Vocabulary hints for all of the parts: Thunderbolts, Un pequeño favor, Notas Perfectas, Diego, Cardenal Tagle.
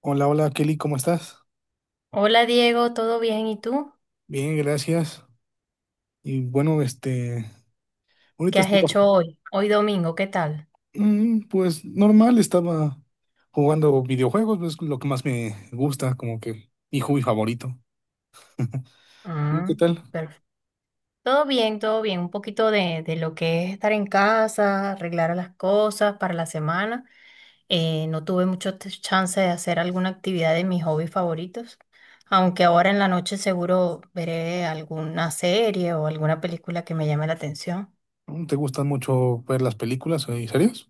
Hola, hola Kelly, ¿cómo estás? Hola Diego, ¿todo bien? ¿Y tú? Bien, gracias. Y bueno, ¿Qué ahorita has estoy bajo. hecho hoy? Hoy domingo, ¿qué tal? Pues normal, estaba jugando videojuegos, es lo que más me gusta, como que mi hobby favorito. ¿Tú qué Ah, tal? perfecto. Todo bien, todo bien. Un poquito de lo que es estar en casa, arreglar las cosas para la semana. No tuve mucho chance de hacer alguna actividad de mis hobbies favoritos, aunque ahora en la noche seguro veré alguna serie o alguna película que me llame la atención. ¿Te gustan mucho ver las películas y series?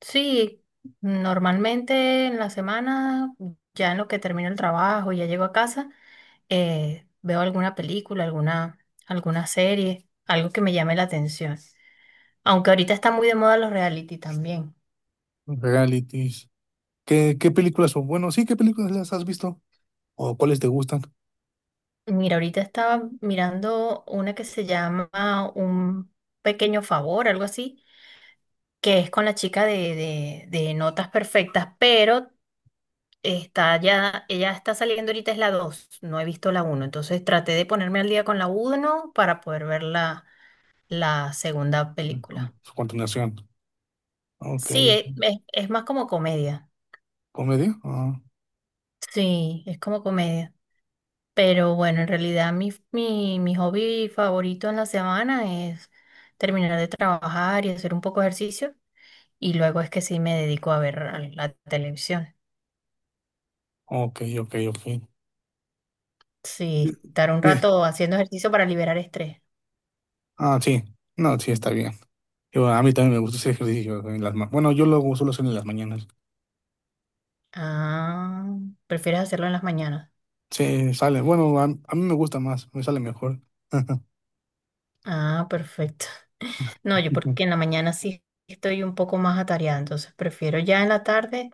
Sí, normalmente en la semana, ya en lo que termino el trabajo, ya llego a casa, veo alguna película, alguna serie, algo que me llame la atención. Aunque ahorita está muy de moda los reality también. Realities. ¿Qué películas son? Bueno, sí, ¿qué películas las has visto? ¿O cuáles te gustan? Mira, ahorita estaba mirando una que se llama Un pequeño favor, algo así, que es con la chica de Notas Perfectas, pero ella está saliendo ahorita es la 2. No he visto la uno, entonces traté de ponerme al día con la uno para poder ver la segunda Con película. su continuación. Ok. Sí, es más como comedia, ¿Comedia? Ah, sí, es como comedia, pero bueno, en realidad mi hobby favorito en la semana es terminar de trabajar y hacer un poco de ejercicio y luego es que sí me dedico a ver a la televisión, ok, ok, ok. sí, estar un Eh, rato haciendo ejercicio para liberar estrés. Ah, sí. No, sí, está bien. Yo, a mí también me gusta ese ejercicio. En las bueno, yo lo suelo hacer en las mañanas. Ah, ¿prefieres hacerlo en las mañanas? Sí, sale. Bueno, a mí me gusta más, me sale mejor. Ah, perfecto. No, yo porque en la mañana sí estoy un poco más atareada, entonces prefiero ya en la tarde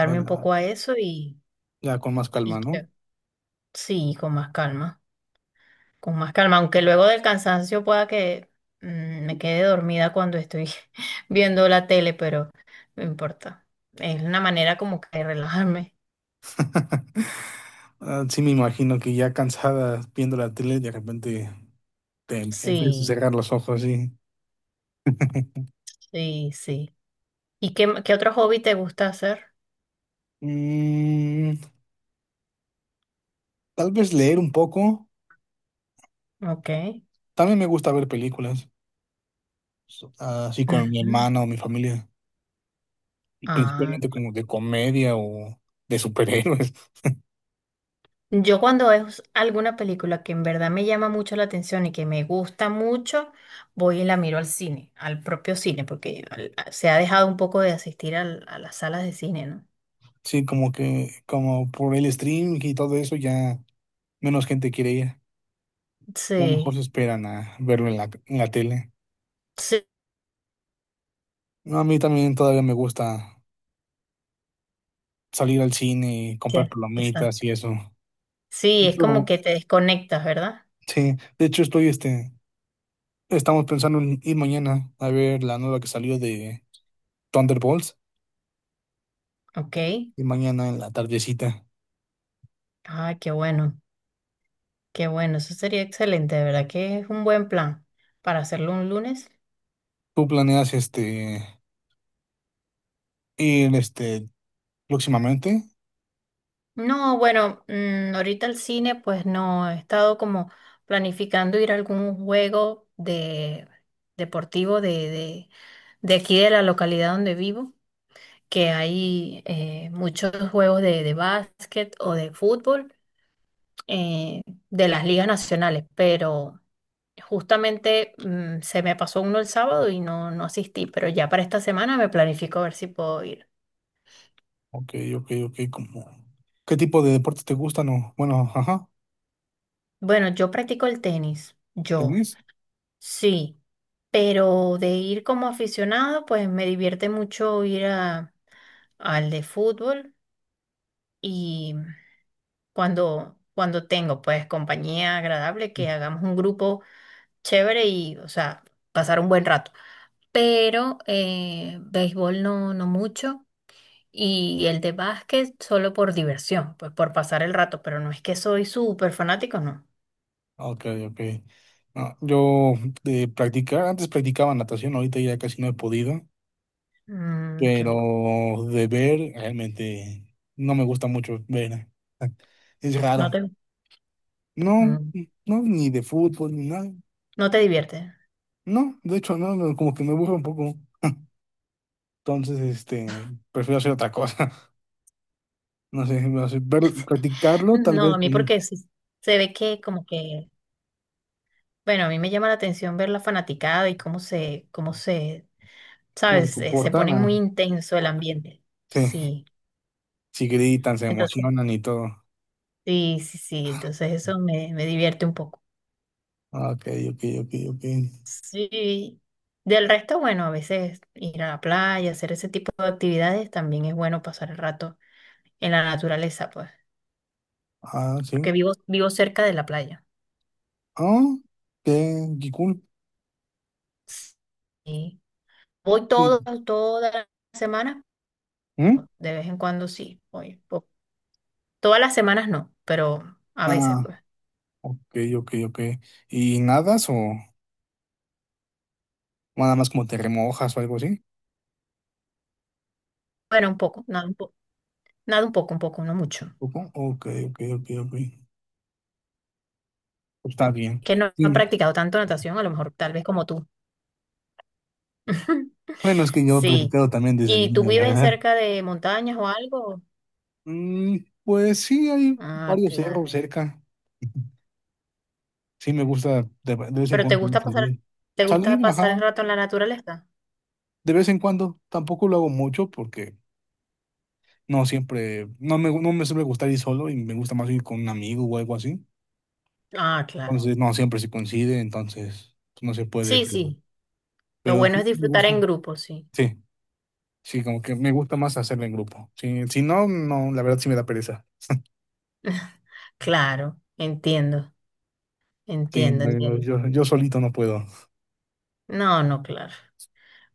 Ya, un poco a eso y, ya con más calma, y ¿no? ya. Sí, con más calma, aunque luego del cansancio pueda que me quede dormida cuando estoy viendo la tele, pero no importa. Es una manera como que de relajarme. Ah, sí, me imagino que ya cansada viendo la tele, de repente te empiezas a Sí, cerrar los ojos y... sí, sí. ¿Y qué otro hobby te gusta hacer? Mm, tal vez leer un poco. Ok. También me gusta ver películas, así con mi Ujú. hermana o mi familia, y Ah, principalmente como de comedia o de superhéroes. yo cuando es alguna película que en verdad me llama mucho la atención y que me gusta mucho, voy y la miro al cine, al propio cine, porque se ha dejado un poco de asistir a las salas de cine, ¿no? Sí, como que, como por el stream y todo eso, ya menos gente quiere ir. A lo mejor Sí, se esperan a verlo en en la tele. sí, No, a mí también todavía me gusta salir al cine y sí, comprar palomitas exacto. y eso. De Sí, es como hecho, que te desconectas, ¿verdad? sí, de hecho estoy, estamos pensando en ir mañana a ver la nueva que salió de Thunderbolts Ok. y mañana en la tardecita. Ah, qué bueno, eso sería excelente, de verdad que es un buen plan para hacerlo un lunes. ¿Tú planeas, este, ir, este, próximamente? No, bueno, ahorita el cine, pues no, he estado como planificando ir a algún juego de deportivo de aquí de la localidad donde vivo, que hay muchos juegos de básquet o de fútbol eh, de las ligas nacionales, pero justamente se me pasó uno el sábado y no asistí, pero ya para esta semana me planifico a ver si puedo ir. Ok, ok, ok, como... ¿Qué tipo de deportes te gustan o, bueno, ajá? Bueno, yo practico el tenis, yo. ¿Tenis? Sí, pero de ir como aficionado, pues me divierte mucho ir al de fútbol y cuando tengo pues compañía agradable, que hagamos un grupo chévere y, o sea, pasar un buen rato. Pero béisbol no, no mucho y el de básquet solo por diversión, pues por pasar el rato, pero no es que soy súper fanático, no. Ah, ok, ok. No, yo de practicar, antes practicaba natación, ahorita ya casi no he podido, Qué bueno. pero de ver realmente no me gusta mucho ver. Es No raro. te, No, mm, no, ni de fútbol, ni nada. no te divierte. No, de hecho, no, no, como que me aburre un poco. Entonces, este, prefiero hacer otra cosa. No sé, no sé, ver, practicarlo, tal No, vez, a mí porque sí se ve que como que, bueno, a mí me llama la atención ver la fanaticada y cómo se, cómo se sabes, se comportan. pone muy Ah, intenso el ambiente. sí, Sí, si gritan, se entonces, emocionan y todo. sí, sí, sí, entonces eso me divierte un poco. Ah, ok, ok, ok, ok. Sí, del resto, bueno, a veces ir a la playa, hacer ese tipo de actividades, también es bueno pasar el rato en la naturaleza, pues, Ah, sí. porque vivo cerca de la playa. Ah, qué, qué cool. Sí. Voy todas las semanas, ¿Mm? ¿no? De vez en cuando sí, oye, todas las semanas no, pero a veces, Ah, pues. ok, ok, ok. ¿Y nadas o nada más como te remojas o algo así? Bueno, un poco, nada, un poco, nada, un poco, no mucho. Supongo. Ok, ok, ok, ok. Pues está bien. Que no he Sí, practicado tanto natación, a lo mejor tal vez como tú. bueno, es que yo he Sí. practicado también desde ¿Y tú niño, la vives verdad. cerca de montañas o algo? Mm, pues sí, hay Ah, varios cerros claro. cerca. Sí, me gusta de vez en ¿Pero te cuando gusta también pasar, salir. te gusta Salir, pasar el ajá, rato en la naturaleza? de vez en cuando. Tampoco lo hago mucho porque no siempre, no me, no me suele gustar ir solo y me gusta más ir con un amigo o algo así. Ah, claro. Entonces, no siempre se coincide, entonces no se puede, Sí, sí. Lo pero bueno es sí me disfrutar gusta. en grupo, sí. Sí, sí, como que me gusta más hacerlo en grupo. Sí, si no, no, la verdad sí me da pereza. Claro, entiendo, Sí, entiendo, no, yo, entiendo. yo solito no puedo. No, no, claro.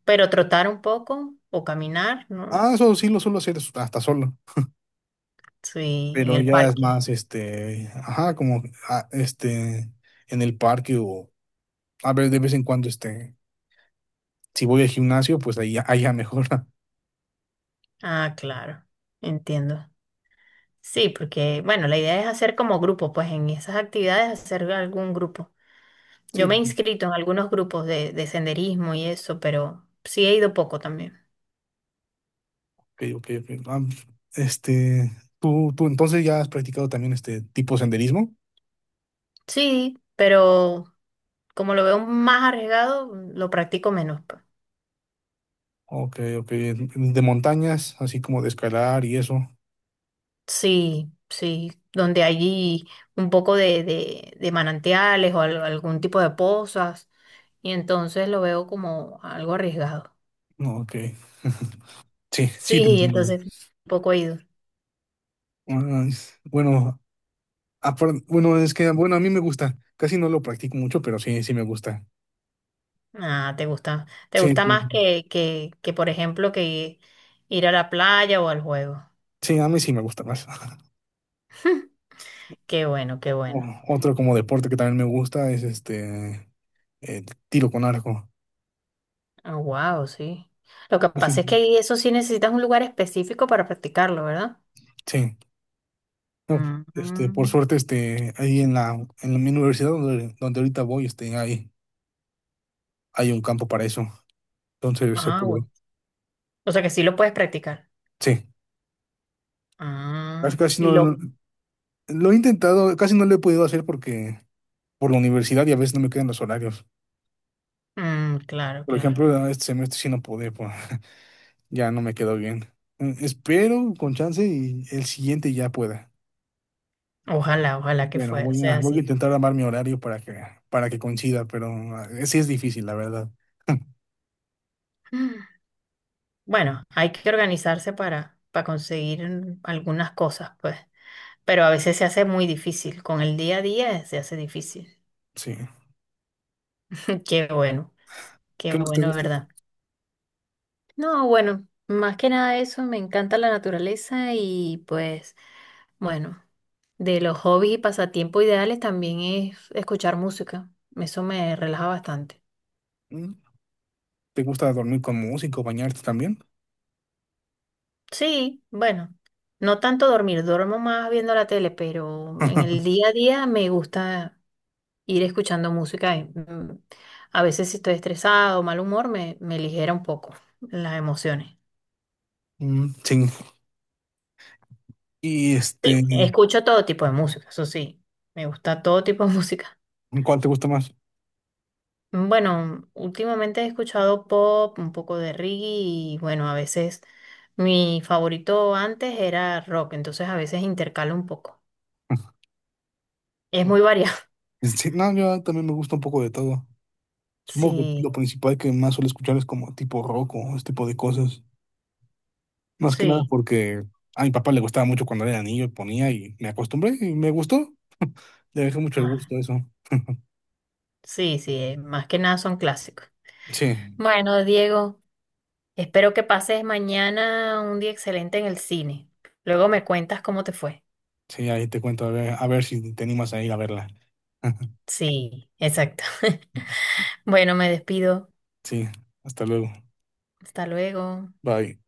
Pero trotar un poco o caminar, ¿no? Ah, eso sí lo suelo hacer hasta solo, Sí, en pero el ya es parque. más, este, ajá, como, ah, este, en el parque o, a ver, de vez en cuando, este, si voy al gimnasio, pues ahí, ahí ya mejora. Ah, claro, entiendo. Sí, porque, bueno, la idea es hacer como grupo, pues en esas actividades hacer algún grupo. Yo Sí, me he inscrito en algunos grupos de senderismo y eso, pero sí he ido poco también. ok, ok, ok. Ah, este, tú entonces ya has practicado también este tipo senderismo. Sí, pero como lo veo más arriesgado, lo practico menos, pues. Ok, ok. De montañas, así como de escalar y eso. Sí, sí, donde hay un poco de manantiales o algún tipo de pozas, y entonces lo veo como algo arriesgado. No, ok. Sí, sí, te Sí, entiendo. entonces poco he ido. Ah, bueno, bueno, es que, bueno, a mí me gusta. Casi no lo practico mucho, pero sí, sí me gusta. Ah, te gusta, te Sí, gusta más que, por ejemplo, que ir a la playa o al juego. sí, a mí sí me gusta más. Qué bueno, qué bueno. Otro como deporte que también me gusta es este, el tiro con arco. Wow, sí. Lo que pasa Sí, es que ahí eso sí necesitas un lugar específico para practicarlo, ¿verdad? sí. No, pues, este, por Ujú. suerte, este, ahí en la, en mi universidad donde, donde ahorita voy, este, hay un campo para eso. Entonces se Ah, puede. bueno. O sea que sí lo puedes practicar. Sí. Casi Ah, casi no lo he intentado, casi no lo he podido hacer porque por la universidad y a veces no me quedan los horarios. Claro, Por claro. ejemplo, este semestre sí no pude, pues, ya no me quedó bien. Espero con chance y el siguiente ya pueda. Ojalá, ojalá que Bueno, voy a, sea voy a así. intentar armar mi horario para que coincida, pero sí es difícil, la verdad. Mm, Bueno, hay que organizarse para conseguir algunas cosas, pues. Pero a veces se hace muy difícil. Con el día a día se hace difícil. Sí. Qué bueno, qué ¿Qué más te bueno, gusta? ¿verdad? No, bueno, más que nada eso, me encanta la naturaleza y pues, bueno, de los hobbies y pasatiempos ideales también es escuchar música. Eso me relaja bastante. ¿Mm? ¿Te gusta dormir con música o bañarte también? Sí, bueno, no tanto dormir, duermo más viendo la tele, pero en el día a día me gusta ir escuchando música, y, a veces si estoy estresado o mal humor, me ligera un poco las emociones. Mm, sí. Y Sí, este, escucho todo tipo de música, eso sí, me gusta todo tipo de música. ¿cuál te gusta más? Bueno, últimamente he escuchado pop, un poco de reggae y bueno, a veces mi favorito antes era rock, entonces a veces intercalo un poco. Es muy variado. Sí, no, yo también me gusta un poco de todo. Supongo que lo Sí, principal que más suelo escuchar es como tipo rock o ese tipo de cosas. Más que nada sí. porque a mi papá le gustaba mucho cuando era niño y ponía y me acostumbré y me gustó. Le dejé mucho el Ah, gusto a eso. sí, sí, más que nada son clásicos. Sí, Bueno, Diego, espero que pases mañana un día excelente en el cine. Luego me cuentas cómo te fue. sí, ahí te cuento a ver si te animas a ir a verla. Sí, exacto. Bueno, me despido. Sí, hasta luego. Hasta luego. Bye.